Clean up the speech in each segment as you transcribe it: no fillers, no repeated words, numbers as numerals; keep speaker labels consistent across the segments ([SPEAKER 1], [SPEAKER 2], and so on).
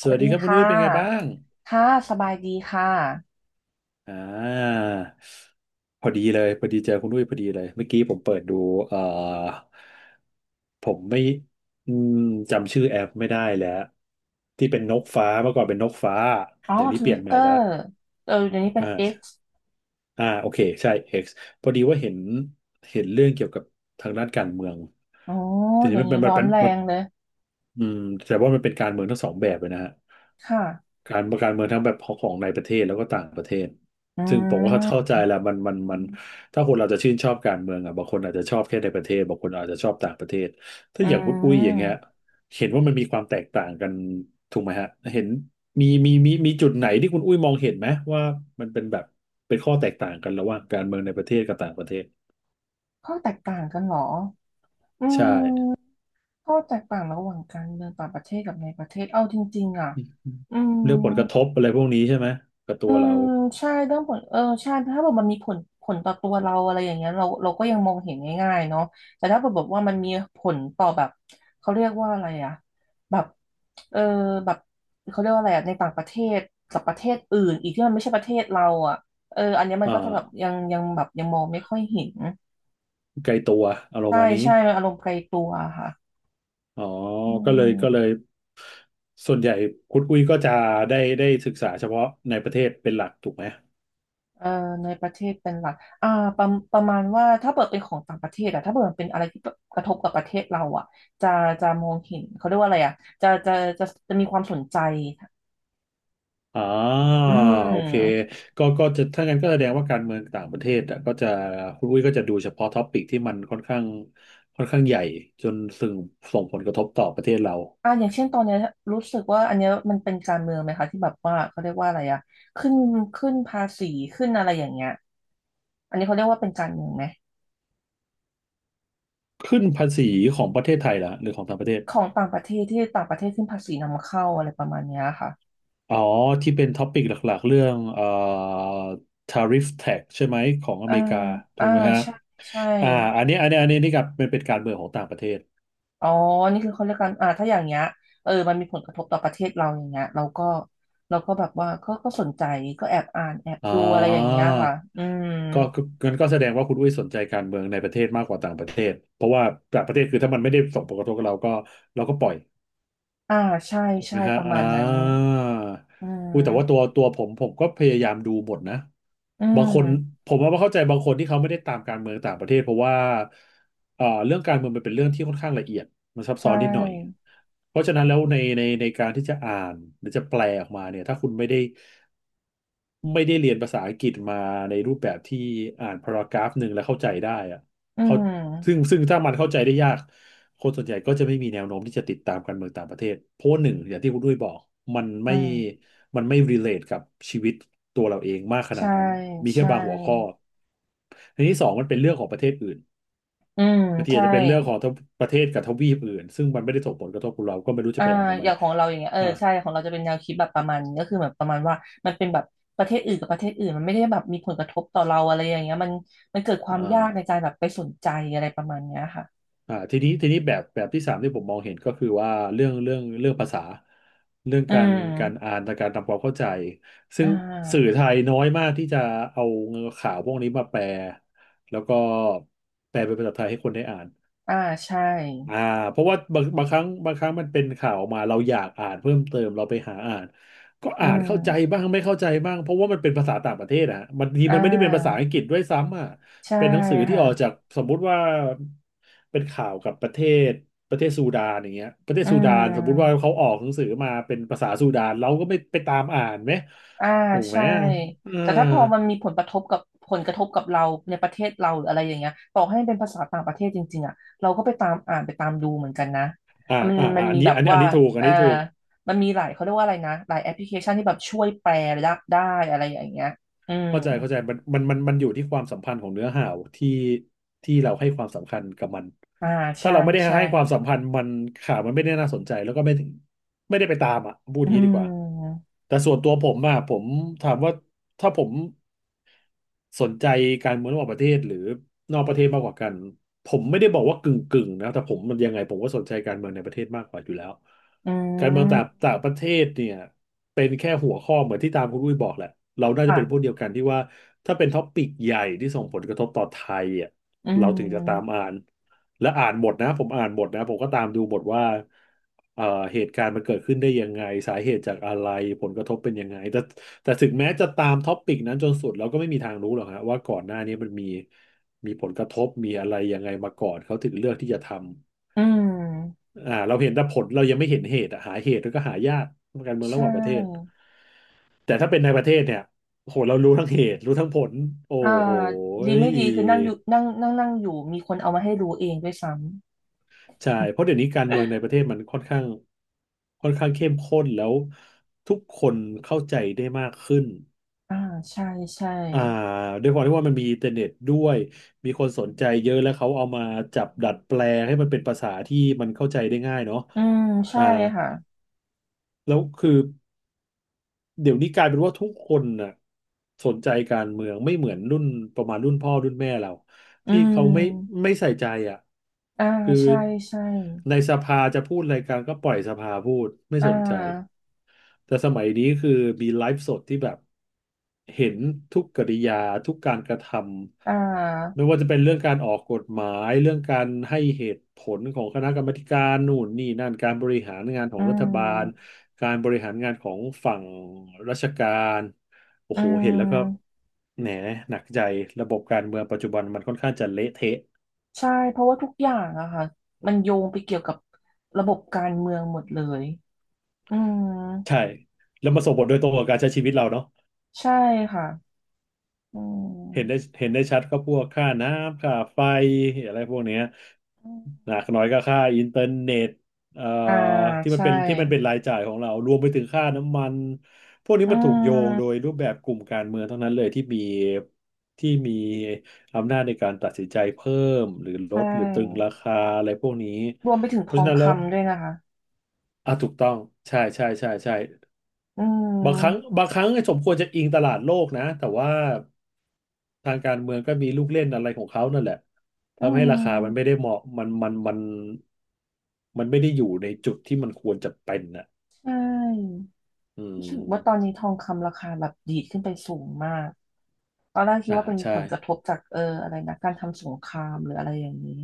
[SPEAKER 1] ส
[SPEAKER 2] สวั
[SPEAKER 1] วัส
[SPEAKER 2] ส
[SPEAKER 1] ดี
[SPEAKER 2] ดี
[SPEAKER 1] ครับคุณ
[SPEAKER 2] ค่ะ
[SPEAKER 1] อุ้ยเป็นไงบ้าง
[SPEAKER 2] ค่ะ สบายดีค่ะ
[SPEAKER 1] อ่าพอดีเลยพอดีเจอคุณอุ้ยพอดีเลยเมื่อกี้ผมเปิดดูผมไม่อืมจำชื่อแอปไม่ได้แล้วที่เป็นนกฟ้าเมื่อก่อนเป็นนกฟ้า
[SPEAKER 2] อ๋อ
[SPEAKER 1] เดี๋ยวนี้
[SPEAKER 2] ท
[SPEAKER 1] เปลี่
[SPEAKER 2] วิ
[SPEAKER 1] ยน
[SPEAKER 2] ต
[SPEAKER 1] ให
[SPEAKER 2] เต
[SPEAKER 1] ม่
[SPEAKER 2] อ
[SPEAKER 1] แล้ว
[SPEAKER 2] ร์เออเดี๋ยวนี้เป็น
[SPEAKER 1] อ่า
[SPEAKER 2] X
[SPEAKER 1] อ่าโอเคใช่ X พอดีว่าเห็นเรื่องเกี่ยวกับทางด้านการเมือง
[SPEAKER 2] อ๋อ
[SPEAKER 1] ทีนี้
[SPEAKER 2] เดี๋ยว
[SPEAKER 1] มันเป็
[SPEAKER 2] นี้
[SPEAKER 1] นมั
[SPEAKER 2] ร้
[SPEAKER 1] น
[SPEAKER 2] อ
[SPEAKER 1] เป็
[SPEAKER 2] น
[SPEAKER 1] น
[SPEAKER 2] แร
[SPEAKER 1] มัน
[SPEAKER 2] งเลย
[SPEAKER 1] อืมแต่ว่ามันเป็นการเมืองทั้งสองแบบเลยนะฮะ
[SPEAKER 2] ค่ะ
[SPEAKER 1] การเมืองทั้งแบบของในประเทศแล้วก็ต่างประเทศ
[SPEAKER 2] อื
[SPEAKER 1] ซึ่งผมก็เข้า
[SPEAKER 2] ม
[SPEAKER 1] ใจแหละมันถ้าคนเราจะชื่นชอบการเมืองอ่ะบางคนอาจจะชอบแค่ในประเทศบางคนอาจจะชอบต่างประเทศถ้า
[SPEAKER 2] อื
[SPEAKER 1] อย่างคุณอุ้ยอย่างเงี้ย
[SPEAKER 2] ม
[SPEAKER 1] เห็นว่ามันมีความแตกต่างกันถูกไหมฮะเห็นมีจุดไหนที่คุณอุ้ยมองเห็นไหมว่ามันเป็นแบบเป็นข้อแตกต่างกันระหว่างการเมืองในประเทศกับต่างประเทศ
[SPEAKER 2] ข้อแตกต่างกันเหรอ อื
[SPEAKER 1] ใช่
[SPEAKER 2] มข้อแตกต่างระหว่างการเมืองต่างประเทศกับในประเทศ เอาจริงๆอ่ะอื
[SPEAKER 1] เรื่องผลกระท
[SPEAKER 2] ม
[SPEAKER 1] บอะไรพวกนี้ใช่ไหมกับตั
[SPEAKER 2] อื
[SPEAKER 1] วเรา
[SPEAKER 2] มใช่เรื่องผลเออใช่ถ้าแบบมันมีผลต่อตัวเราอะไรอย่างเงี้ยเราก็ยังมองเห็นง่ายๆเนาะแต่ถ้าแบบบอกว่ามันมีผลต่อแบบเขาเรียกว่าอะไรอะแบบเออแบบเขาเรียกว่าอะไรอะในต่างประเทศกับประเทศอื่นอีกที่มันไม่ใช่ประเทศเราอะเอออันเนี้ยมั
[SPEAKER 1] อ่
[SPEAKER 2] นก็จะแบบยั
[SPEAKER 1] า
[SPEAKER 2] งยังแบบยังมองไม่ค่อยเห็น
[SPEAKER 1] ไกลตัวอารม
[SPEAKER 2] ใช่
[SPEAKER 1] ณ์มาณนี้
[SPEAKER 2] ใช่อารมณ์ไกลตัวค่ะ
[SPEAKER 1] อ๋อ
[SPEAKER 2] อื
[SPEAKER 1] ก็เล
[SPEAKER 2] ม
[SPEAKER 1] ยส่วนใหญ่คุณอุ้ยก็จะได้ศึกษาเฉพาะในประเทศเป็นหลักถูกไหม
[SPEAKER 2] เอ่อในประเทศเป็นหลักอ่าประประมาณว่าถ้าเปิดเป็นของต่างประเทศอะถ้าเปิดมันเป็นอะไรที่กระทบกับประเทศเราอะจะจะมองเห็นเขาเรียกว่าอะไรอะจะจะจะมีความสนใจ
[SPEAKER 1] อ๋อ
[SPEAKER 2] อื
[SPEAKER 1] โอเค
[SPEAKER 2] ม
[SPEAKER 1] ก็จะถ้างั้นก็แสดงว่าการเมืองต่างประเทศอะก็จะคุณอุ้ยก็จะดูเฉพาะท็อปิกที่มันค่อนข้างใหญ่จนส่งผลกระทบต่อประเทศเรา
[SPEAKER 2] อ่าอย่างเช่นตอนเนี้ยรู้สึกว่าอันเนี้ยมันเป็นการเมืองไหมคะที่แบบว่าเขาเรียกว่าอะไรอะขึ้นขึ้นภาษีขึ้นอะไรอย่างเงี้ยอันนี้เขาเรียกว่าเป็นการเมืองไหม
[SPEAKER 1] ขึ้นภาษีของประเทศไทยเหรอหรือของต่างประเทศ
[SPEAKER 2] ของต่างประเทศที่ต่างประเทศขึ้นภาษีนำเข้าอะไรประมาณเนี้ยค่ะ
[SPEAKER 1] อ๋อที่เป็นท็อปิกหลักๆเรื่องtariff tax ใช่ไหมของอ
[SPEAKER 2] อ่า
[SPEAKER 1] เมริกาถู
[SPEAKER 2] อ่า
[SPEAKER 1] กไหมฮะ
[SPEAKER 2] ใช่ใช่
[SPEAKER 1] อ่าอันนี้นี่กับเป็นการเมืองของต่างประเทศ
[SPEAKER 2] อ๋อ นี่คือเขาเรียกกันอ่าถ้าอย่างเงี้ยเออมันมีผลกระทบต่อประเทศเราอย่างเงี้ยเราก็เราก็แบบว่าก็สนใจก็แอบอ่านแอบ
[SPEAKER 1] อ๋อ
[SPEAKER 2] ดูอะไรอย่างเงี้ยค่ะอืม
[SPEAKER 1] ก็งั้นก็แสดงว่าคุณอุ้ยสนใจการเมืองในประเทศมากกว่าต่างประเทศเพราะว่าต่างประเทศคือถ้ามันไม่ได้ส่งผลกระทบกับเราก็เราก็ปล่อย
[SPEAKER 2] อ่าใช่
[SPEAKER 1] ถูกไห
[SPEAKER 2] ใช่
[SPEAKER 1] มฮะ
[SPEAKER 2] ประ
[SPEAKER 1] อ่
[SPEAKER 2] มาณนั้น
[SPEAKER 1] า
[SPEAKER 2] อื
[SPEAKER 1] อุ้ยแต่ว่า
[SPEAKER 2] ม
[SPEAKER 1] ตัวผมผมก็พยายามดูหมดนะ
[SPEAKER 2] อื
[SPEAKER 1] บา
[SPEAKER 2] ม
[SPEAKER 1] งคนผมว่าเข้าใจบางคนที่เขาไม่ได้ตามการเมืองต่างประเทศเพราะว่าเรื่องการเมืองมันเป็นเรื่องที่ค่อนข้างละเอียดมันซับซ้
[SPEAKER 2] ใช่
[SPEAKER 1] อนนิดหน่อย เพราะฉะนั้นแล้วในการที่จะอ่านหรือจะแปลออกมาเนี่ยถ้าคุณไม่ได้ ไม่ได้เรียนภาษาอังกฤษมาในรูปแบบที่อ่านพารากราฟหนึ่งแล้วเข้าใจได้อะ
[SPEAKER 2] อื
[SPEAKER 1] เขา
[SPEAKER 2] ม
[SPEAKER 1] ซึ่งถ้ามันเข้าใจได้ยากคนส่วนใหญ่ก็จะไม่มีแนวโน้มที่จะติดตามการเมืองต่างประเทศเพราะหนึ่งอย่างที่คุณด้วยบอกมัน
[SPEAKER 2] อื
[SPEAKER 1] ไม่
[SPEAKER 2] ม
[SPEAKER 1] มันไม่ relate กับชีวิตตัวเราเองมากขนา
[SPEAKER 2] ใช่
[SPEAKER 1] ดนั้นมีแค่
[SPEAKER 2] ใช่
[SPEAKER 1] บางหัวข้ออันที่สองมันเป็นเรื่องของประเทศอื่น
[SPEAKER 2] อืม
[SPEAKER 1] บางทีอา
[SPEAKER 2] ใช่
[SPEAKER 1] จจะเป็นเรื่องของประเทศกับทวีปอื่นซึ่งมันไม่ได้ส่งผลกระทบกับเราก็ไม่รู้จะ
[SPEAKER 2] อ่า
[SPEAKER 1] ไปอ่านทำไม
[SPEAKER 2] อย่างของเราอย่างเงี้ยเออ
[SPEAKER 1] อ่า
[SPEAKER 2] ใช่ของเราจะเป็นแนวคิดแบบประมาณนี้ก็คือแบบประมาณว่ามันเป็นแบบประเทศอื่นกับประเทศอื่นมันไม่ได้แบบมีผลกระทบต่อเราอะไรอย่างเงี้ยมันเกิดความ
[SPEAKER 1] อ่า
[SPEAKER 2] ยากในการแบบไปสนใจอะไรประมาณเนี้ยค่ะ
[SPEAKER 1] อ่าทีนี้แบบที่สามที่ผมมองเห็นก็คือว่าเรื่องภาษาเรื่อง
[SPEAKER 2] อื
[SPEAKER 1] การ
[SPEAKER 2] ม
[SPEAKER 1] อ่านและการทำความเข้าใจซึ่
[SPEAKER 2] อ่
[SPEAKER 1] งสื่อ
[SPEAKER 2] า
[SPEAKER 1] ไทยน้อยมากที่จะเอาข่าวพวกนี้มาแปลแล้วก็แปลเป็นภาษาไทยให้คนได้อ่าน
[SPEAKER 2] อ่าใช่
[SPEAKER 1] อ่าเพราะว่าบางครั้งมันเป็นข่าวออกมาเราอยากอ่านเพิ่มเติมเราไปหาอ่านก็
[SPEAKER 2] อื
[SPEAKER 1] อ่านเข้าใจบ้า
[SPEAKER 2] ม
[SPEAKER 1] งไม่เข้าใจบ้างเพราะว่ามันเป็นภาษาต่างประเทศอะบางที
[SPEAKER 2] อ่
[SPEAKER 1] มันไม่ได้เป็นภาษา
[SPEAKER 2] า
[SPEAKER 1] อังกฤษด้วยซ้ำอ่ะ
[SPEAKER 2] ใช่
[SPEAKER 1] เป็นหนังสือที่ออกจา
[SPEAKER 2] ค่ะ
[SPEAKER 1] กสมมุติว่าเป็นข่าวกับศประเทศซูดานอย่างเงี้ยประเทศ
[SPEAKER 2] อื
[SPEAKER 1] ซูดานสมมุติว่า
[SPEAKER 2] ม
[SPEAKER 1] เขาออกหนังสือมาเป็นภาษาซูดานเราก็ไม่ไปตามอ่านไหม
[SPEAKER 2] อ่า
[SPEAKER 1] ถูกไหม
[SPEAKER 2] ใช่
[SPEAKER 1] อ่า
[SPEAKER 2] แต่ถ้าพอมันมีผลกระทบกับเราในประเทศเราหรืออะไรอย่างเงี้ยต่อให้มันเป็นภาษาต่างประเทศจริงๆอ่ะเราก็ไปตามอ่านไปตามดูเหมือนกันนะ
[SPEAKER 1] อ่า
[SPEAKER 2] มัน
[SPEAKER 1] อ่า
[SPEAKER 2] มันมีแบบ
[SPEAKER 1] อั
[SPEAKER 2] ว่า
[SPEAKER 1] นนี้ถูกอัน
[SPEAKER 2] อ่า
[SPEAKER 1] นี้ถูก
[SPEAKER 2] มันมีหลายเขาเรียกว่าอะไรนะหลายแอปพลิเคชันที่แบบช่วยแปลได้อะไรอย่างเงี้ยอืม
[SPEAKER 1] เข้าใจเข้าใจมันอยู่ที่ความสัมพันธ์ของเนื้อหาที่ที่เราให้ความสำคัญกับมัน
[SPEAKER 2] อ่า
[SPEAKER 1] ถ้า
[SPEAKER 2] ใช่
[SPEAKER 1] เราไม่ได้
[SPEAKER 2] ใช่
[SPEAKER 1] ให้ความสัมพันธ์มันข่าวมันไม่ได้น่าสนใจแล้วก็ไม่ถึงไม่ได้ไปตามอ่ะพูดอ
[SPEAKER 2] อื
[SPEAKER 1] ย่างนี้ดีกว่า
[SPEAKER 2] ม
[SPEAKER 1] แต่ส่วนตัวผมอ่ะผมถามว่าถ้าผมสนใจการเมืองระหว่างประเทศหรือนอกประเทศมากกว่ากันผมไม่ได้บอกว่ากึ่งนะแต่ผมมันยังไงผมก็สนใจการเมืองในประเทศมากกว่าอยู่แล้ว
[SPEAKER 2] อื
[SPEAKER 1] การเมือง
[SPEAKER 2] ม
[SPEAKER 1] ต่างต่างประเทศเนี่ย เป็นแค่หัวข้อเหมือนที่ตามคุณอุ้ยบอกแหละเราน่าจะ
[SPEAKER 2] ค่ะ
[SPEAKER 1] เป็นพวกเดียวกันที่ว่าถ้าเป็นท็อปปิกใหญ่ที่ส่งผลกระทบต่อไทยอ่ะ
[SPEAKER 2] อื
[SPEAKER 1] เราถึงจะตาม
[SPEAKER 2] ม
[SPEAKER 1] อ่านและอ่านหมดนะผมอ่านหมดนะผมก็ตามดูหมดว่าเอ่อเหตุการณ์มันเกิดขึ้นได้ยังไงสาเหตุจากอะไรผลกระทบเป็นยังไงแต่ถึงแม้จะตามท็อปปิกนั้นจนสุดเราก็ไม่มีทางรู้หรอกฮะว่าก่อนหน้านี้มันมีผลกระทบมีอะไรยังไงมาก่อนเขาถึงเลือกที่จะทำ
[SPEAKER 2] อืม
[SPEAKER 1] อ่าเราเห็นแต่ผลเรายังไม่เห็นเหตุอะหาเหตุแล้วก็หายากการเมือง
[SPEAKER 2] ใช
[SPEAKER 1] ระหว่างประเทศ
[SPEAKER 2] ่
[SPEAKER 1] แต่ถ้าเป็นในประเทศเนี่ยโหเรารู้ทั้งเหตุรู้ทั้งผลโอ้
[SPEAKER 2] อ่า
[SPEAKER 1] โห
[SPEAKER 2] ดีไม่ดีคือนั่งอ
[SPEAKER 1] ย
[SPEAKER 2] ยู่นั่งนั่งนั่งอยู่มีคนเอามาให้รู้เองด้วยซ้
[SPEAKER 1] ใช่เพราะเดี๋ยวนี้การเมืองในป
[SPEAKER 2] อ
[SPEAKER 1] ระเทศมันค่อนข้างเข้มข้นแล้วทุกคนเข้าใจได้มากขึ้น
[SPEAKER 2] ่าใช่ใช่
[SPEAKER 1] อ่าด้วยความที่ว่ามันมีอินเทอร์เน็ตด้วยมีคนสนใจเยอะแล้วเขาเอามาจับดัดแปลงให้มันเป็นภาษาที่มันเข้าใจได้ง่ายเนาะ
[SPEAKER 2] อืมใช่
[SPEAKER 1] อ่า
[SPEAKER 2] ค่ะ
[SPEAKER 1] แล้วคือ เดี๋ยวนี้กลายเป็นว่าทุกคนน่ะสนใจการเมืองไม่เหมือนรุ่นประมาณรุ่นพ่อรุ่นแม่เรา
[SPEAKER 2] อื
[SPEAKER 1] ที่เขาไม่
[SPEAKER 2] ม
[SPEAKER 1] ไม่ใส่ใจอ่ะ
[SPEAKER 2] อ่า
[SPEAKER 1] คือ
[SPEAKER 2] ใช่ใช่
[SPEAKER 1] ในสภาจะพูดอะไรกันก็ปล่อยสภาพูดไม่
[SPEAKER 2] อ่
[SPEAKER 1] สนใจ
[SPEAKER 2] า
[SPEAKER 1] แต่สมัยนี้คือมีไลฟ์สดที่แบบเห็นทุกกริยาทุกการกระท
[SPEAKER 2] อ่
[SPEAKER 1] ำ
[SPEAKER 2] า
[SPEAKER 1] ไม่ว่าจะเป็นเรื่องการออกกฎหมายเรื่องการให้เหตุผลของคณะกรรมาธิการนู่นนี่นั่นการบริหารงานขอ
[SPEAKER 2] อื
[SPEAKER 1] งรัฐบาล
[SPEAKER 2] ม
[SPEAKER 1] การบริหารงานของฝั่งราชการโอ้
[SPEAKER 2] อื
[SPEAKER 1] โหเห็นแล้วก็
[SPEAKER 2] ม
[SPEAKER 1] แหนหนักใจระบบการเมืองปัจจุบันมันค่อนข้างจะเละเทะ
[SPEAKER 2] ใช่เพราะว่าทุกอย่างอะค่ะมันโยงไปเกี่ยวกับระบบการเมืองหมดเลยอืม
[SPEAKER 1] ใช่แล้วมาส่งผลโดยตรงกับการใช้ชีวิตเราเนาะ
[SPEAKER 2] ใช่ค่ะ อื
[SPEAKER 1] เห็นได้
[SPEAKER 2] ม
[SPEAKER 1] เห็นได้ชัดก็พวกค่าน้ำค่าไฟอะไรพวกเนี้ย
[SPEAKER 2] อืม
[SPEAKER 1] หนักหน่อยก็ค่าอินเทอร์เน็ตเอ่อ
[SPEAKER 2] อ่า
[SPEAKER 1] ที่มัน
[SPEAKER 2] ใช่
[SPEAKER 1] เป็นที่มันเป็นรายจ่ายของเรารวมไปถึงค่าน้ำมันพวกนี้
[SPEAKER 2] อื
[SPEAKER 1] มันถูกโยงโดย
[SPEAKER 2] ม
[SPEAKER 1] รูปแบบกลุ่มการเมืองทั้งนั้นเลยที่มีอำนาจในการตัดสินใจเพิ่มหรือล
[SPEAKER 2] ใช
[SPEAKER 1] ดหรือตรึงรา
[SPEAKER 2] ่
[SPEAKER 1] คาอะไรพวกนี้
[SPEAKER 2] รวมไปถึง
[SPEAKER 1] เพ
[SPEAKER 2] ท
[SPEAKER 1] ราะ
[SPEAKER 2] อ
[SPEAKER 1] ฉะ
[SPEAKER 2] ง
[SPEAKER 1] นั้นแล้ว
[SPEAKER 2] คำด้วยนะคะ
[SPEAKER 1] อ่ะถูกต้องใช่ใช่ใช่ใช่
[SPEAKER 2] อื
[SPEAKER 1] บางครั้ง
[SPEAKER 2] ม
[SPEAKER 1] บางครั้งสมควรจะอิงตลาดโลกนะแต่ว่าทางการเมืองก็มีลูกเล่นอะไรของเขานั่นแหละ
[SPEAKER 2] อื
[SPEAKER 1] ทำให้ราคามันไม่
[SPEAKER 2] ม
[SPEAKER 1] ได้เหมาะมันมันไม่ได้อยู่ในจุดที่มันควรจะเป็นน่ะ
[SPEAKER 2] ใช่
[SPEAKER 1] อื
[SPEAKER 2] รู้สึกว่าตอน
[SPEAKER 1] ม
[SPEAKER 2] นี้ทองคำราคาแบบดีดขึ้นไปสูงมากตอนแรกคิด
[SPEAKER 1] อ่า
[SPEAKER 2] ว่าเป็น
[SPEAKER 1] ใช่
[SPEAKER 2] ผลกระทบจากอะไรนะการทำสงครามหรืออะไรอย่างนี้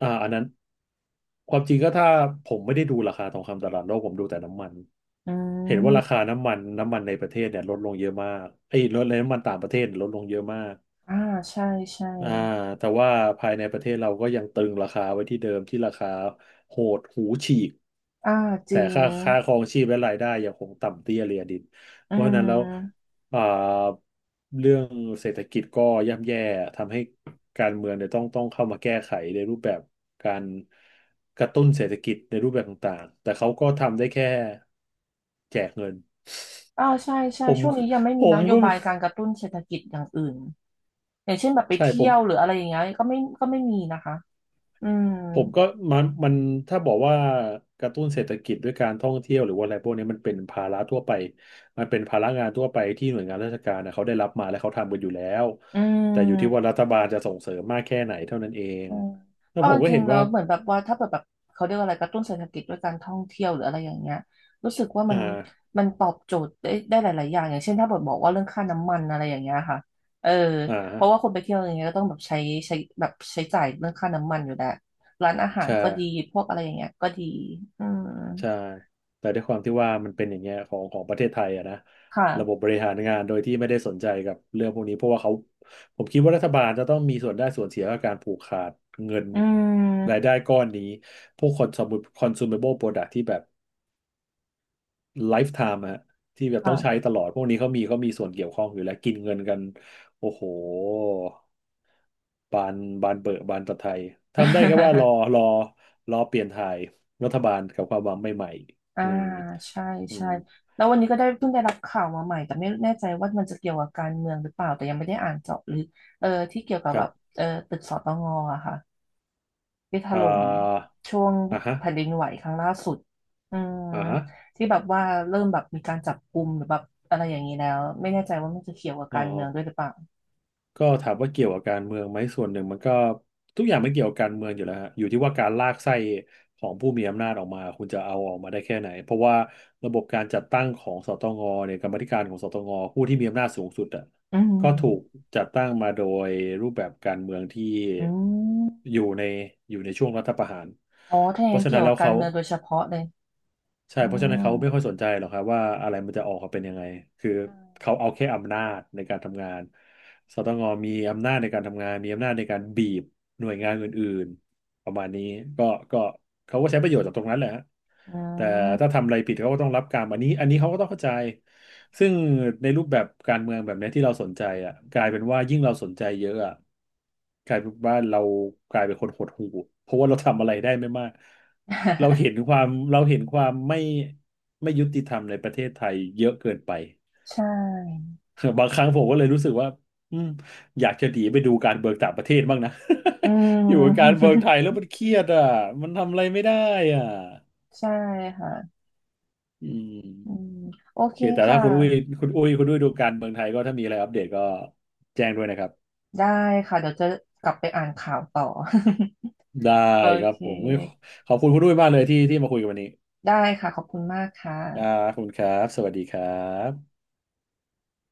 [SPEAKER 1] อ่าอันนั้นความจริงก็ถ้าผมไม่ได้ดูราคาทองคำตลาดโลกผมดูแต่น้ำมัน
[SPEAKER 2] อื
[SPEAKER 1] เห็นว่ารา
[SPEAKER 2] ม
[SPEAKER 1] คาน้ำมันในประเทศเนี่ยลดลงเยอะมากไอ้ยลดในน้ำมันต่างประเทศลดลงเยอะมาก
[SPEAKER 2] อ่าใช่ใช่
[SPEAKER 1] อ่าแต่ว่าภายในประเทศเราก็ยังตรึงราคาไว้ที่เดิมที่ราคาโหดหูฉีก
[SPEAKER 2] อ่าจ
[SPEAKER 1] แต่
[SPEAKER 2] ริง
[SPEAKER 1] ค่าครองชีพและรายได้ยังคงต่ำเตี้ยเรียดิน
[SPEAKER 2] อื
[SPEAKER 1] เพราะฉะนั้นแล้ว
[SPEAKER 2] ม
[SPEAKER 1] อ่าเรื่องเศรษฐกิจก็ย่ำแย่ทำให้การเมืองเนี่ยต้องเข้ามาแก้ไขในรูปแบบการกระตุ้นเศรษฐกิจในรูปแบบต่างๆแต่เขาก็ทำได้แค่แจกเงิน
[SPEAKER 2] อ่าใช่ใช่
[SPEAKER 1] ผม
[SPEAKER 2] ช่วงนี้ยังไม่
[SPEAKER 1] ผ
[SPEAKER 2] มีน
[SPEAKER 1] ม
[SPEAKER 2] โย
[SPEAKER 1] ก็
[SPEAKER 2] บายการกระตุ้นเศรษฐกิจอย่างอื่นอย่างเช่นแบบไป
[SPEAKER 1] ใช่ผ
[SPEAKER 2] เที่ย
[SPEAKER 1] ม
[SPEAKER 2] วหรืออะไรอย่างเงี้ยก็ไม่มีนะคะอืม
[SPEAKER 1] ผมก็มันถ้าบอกว่ากระตุ้นเศรษฐกิจด้วยการท่องเที่ยวหรือว่าอะไรพวกนี้มันเป็นภาระทั่วไปมันเป็นภาระงานทั่วไปที่หน่วยงานราชการนะเขาได้รับมาและเขาทำกันอยู่แล้ว
[SPEAKER 2] อื
[SPEAKER 1] แต่อยู่ที่ว่ารั
[SPEAKER 2] ม
[SPEAKER 1] ฐบาลจะส่งเสริมมากแค่ไหนเท่านั้นเอง
[SPEAKER 2] อืม
[SPEAKER 1] แล้ว
[SPEAKER 2] เอา
[SPEAKER 1] ผ
[SPEAKER 2] จ
[SPEAKER 1] มก็
[SPEAKER 2] ริ
[SPEAKER 1] เห็
[SPEAKER 2] ง
[SPEAKER 1] น
[SPEAKER 2] ๆแล้
[SPEAKER 1] ว่า
[SPEAKER 2] วเหมือนแบบว่าถ้าเปิดแบบเขาเรียกว่าอะไรกระตุ้นเศรษฐกิจด้วยการท่องเที่ยวหรืออะไรอย่างเงี้ยรู้สึกว่า
[SPEAKER 1] อ่
[SPEAKER 2] มัน
[SPEAKER 1] า
[SPEAKER 2] มันตอบโจทย์ได้หลายๆอย่างอย่างเช่นถ้าเปิดบอกว่าเรื่องค่าน้ำมันอะไรอย่างเงี้ยค่ะเออ
[SPEAKER 1] อ่า
[SPEAKER 2] เพราะว่าคนไปเที่ยวอย่างเงี้ยก็ต้องแบบใช้แบบใช้จ่ายเรื่องค่าน้ำมันอยู่แล้วร้านอาหาร
[SPEAKER 1] ใช่
[SPEAKER 2] ก็ดีพวกอะไรอย่างเงี้ยก็ดีอืม
[SPEAKER 1] ใช่แต่ด้วยความที่ว่ามันเป็นอย่างเงี้ยของประเทศไทยอะนะระบบ
[SPEAKER 2] ค่ะ
[SPEAKER 1] บริหารงานโดยที่ไม่ได้สนใจกับเรื่องพวกนี้เพราะว่าเขาผมคิดว่ารัฐบาลจะต้องมีส่วนได้ส่วนเสียกับการผูกขาดเงิน
[SPEAKER 2] อื
[SPEAKER 1] รายได้
[SPEAKER 2] ม
[SPEAKER 1] ก้อนนี้พวกคอน consumable product ที่แบบ ไลฟ์ไทม์ฮะที่แบบต้องใช้
[SPEAKER 2] ค่ะ
[SPEAKER 1] ตลอดพวกนี้เขามีส่วนเกี่ยวข้องอยู่แล้วกินเงินกันโอ้โหบานบานเบอะบานตะไทยทำได้แค่ว่ารอรอรอเปลี่ยนถ่ายรัฐบาลกับความหวังใหม่ๆ
[SPEAKER 2] อ่า
[SPEAKER 1] อืม
[SPEAKER 2] ใช่
[SPEAKER 1] อื
[SPEAKER 2] ใช่
[SPEAKER 1] ม
[SPEAKER 2] แล้ววันนี้ก็ได้เพิ่งได้รับข่าวมาใหม่แต่ไม่แน่ใจว่ามันจะเกี่ยวกับการเมืองหรือเปล่าแต่ยังไม่ได้อ่านเจาะลึกเออที่เกี่ยวกับ
[SPEAKER 1] ครั
[SPEAKER 2] แบ
[SPEAKER 1] บ
[SPEAKER 2] บเออตึกสตงอะค่ะที่ถ
[SPEAKER 1] อ่
[SPEAKER 2] ล่ม
[SPEAKER 1] า
[SPEAKER 2] ช่วง
[SPEAKER 1] อ่าฮะ
[SPEAKER 2] แผ่นดินไหวครั้งล่าสุดอืม
[SPEAKER 1] อ่าฮะ
[SPEAKER 2] ที่แบบว่าเริ่มแบบมีการจับกุมหรือแบบอะไรอย่างนี้แล้วไม่แน่ใจว่ามันจะเกี่ยวกับ
[SPEAKER 1] อ๋อ
[SPEAKER 2] การเมืองด้วยหรือเปล่า
[SPEAKER 1] ก็ถามว่าเกี่ยวกับการเมืองไหมส่วนหนึ่งมันก็ทุกอย่างไม่เกี่ยวกับการเมืองอยู่แล้วฮะอยู่ที่ว่าการลากไส้ของผู้มีอำนาจออกมาคุณจะเอาออกมาได้แค่ไหนเพราะว่าระบบการจัดตั้งของสตงเนี่ยกรรมาธิการของสตงผู้ที่มีอำนาจสูงสุดอ่ะ
[SPEAKER 2] อืม
[SPEAKER 1] ก็ถูกจัดตั้งมาโดยรูปแบบการเมืองที่
[SPEAKER 2] อืม
[SPEAKER 1] อยู่ในอยู่ในช่วงรัฐประหาร
[SPEAKER 2] อ๋อถ้าอ
[SPEAKER 1] เพ
[SPEAKER 2] ย่าง
[SPEAKER 1] ราะ
[SPEAKER 2] นั้น
[SPEAKER 1] ฉะ
[SPEAKER 2] เกี่
[SPEAKER 1] นั้
[SPEAKER 2] ย
[SPEAKER 1] น
[SPEAKER 2] ว
[SPEAKER 1] แล้
[SPEAKER 2] กับ
[SPEAKER 1] ว
[SPEAKER 2] การ
[SPEAKER 1] เขา
[SPEAKER 2] เมืองโดยเฉพาะเลย
[SPEAKER 1] ใช่
[SPEAKER 2] อื
[SPEAKER 1] เพราะฉะนั้น
[SPEAKER 2] ม
[SPEAKER 1] เขาไม่ค่อยสนใจหรอกครับว่าอะไรมันจะออกมาเป็นยังไง คือเขาเอาแค่อำนาจในการทำงานสตงมีอำนาจในการทำงานมีอำนาจในการบีบหน่วยงานอื่นๆประมาณนี้ก็ก็เขาก็ใช้ประโยชน์จากตรงนั้นแหละฮะ
[SPEAKER 2] อื
[SPEAKER 1] แต่
[SPEAKER 2] ม
[SPEAKER 1] ถ้าทำอะไรผิดเขาก็ต้องรับกรรมอันนี้เขาก็ต้องเข้าใจซึ่งในรูปแบบการเมืองแบบเนี้ยที่เราสนใจอ่ะกลายเป็นว่ายิ่งเราสนใจเยอะอ่ะ กลายเป็นว่าเรากลายเป็นคนหดหู่เพราะว่าเราทำอะไรได้ไม่มากเราเห็นความเราเห็นความไม่ยุติธรรมในประเทศไทยเยอะเกินไป
[SPEAKER 2] ใช่
[SPEAKER 1] บางครั้งผมก็เลยรู้สึกว่าอืมอยากจะหนีไปดูการเบิกต่างประเทศบ้างนะ
[SPEAKER 2] อื
[SPEAKER 1] อยู่กับการ
[SPEAKER 2] ม
[SPEAKER 1] เบิกไท ยแล้วมันเครียดอ่ะมันทำอะไรไม่ได้อ่ะ
[SPEAKER 2] ใช่ค่ะ
[SPEAKER 1] อื
[SPEAKER 2] อื
[SPEAKER 1] ม
[SPEAKER 2] มโอ
[SPEAKER 1] โอ
[SPEAKER 2] เค
[SPEAKER 1] เคแต่ถ้า
[SPEAKER 2] ค่ะ
[SPEAKER 1] คุณอุ้ยคุณอุ้ยดูการเมืองไทยก็ถ้ามีอะไรอัปเดตก็แจ้งด้วยนะครับ
[SPEAKER 2] ได้ค่ะ เดี๋ยวจะกลับไปอ่านข่าวต่อ
[SPEAKER 1] ได้
[SPEAKER 2] โอ
[SPEAKER 1] ครับ
[SPEAKER 2] เค
[SPEAKER 1] ผมขอบคุณคุณอุ้ยมากเลยที่มาคุยกันวันนี้
[SPEAKER 2] ได้ค่ะ ขอบคุณมากค่ะ
[SPEAKER 1] อ่าขอบคุณครับ สวัสดีครับ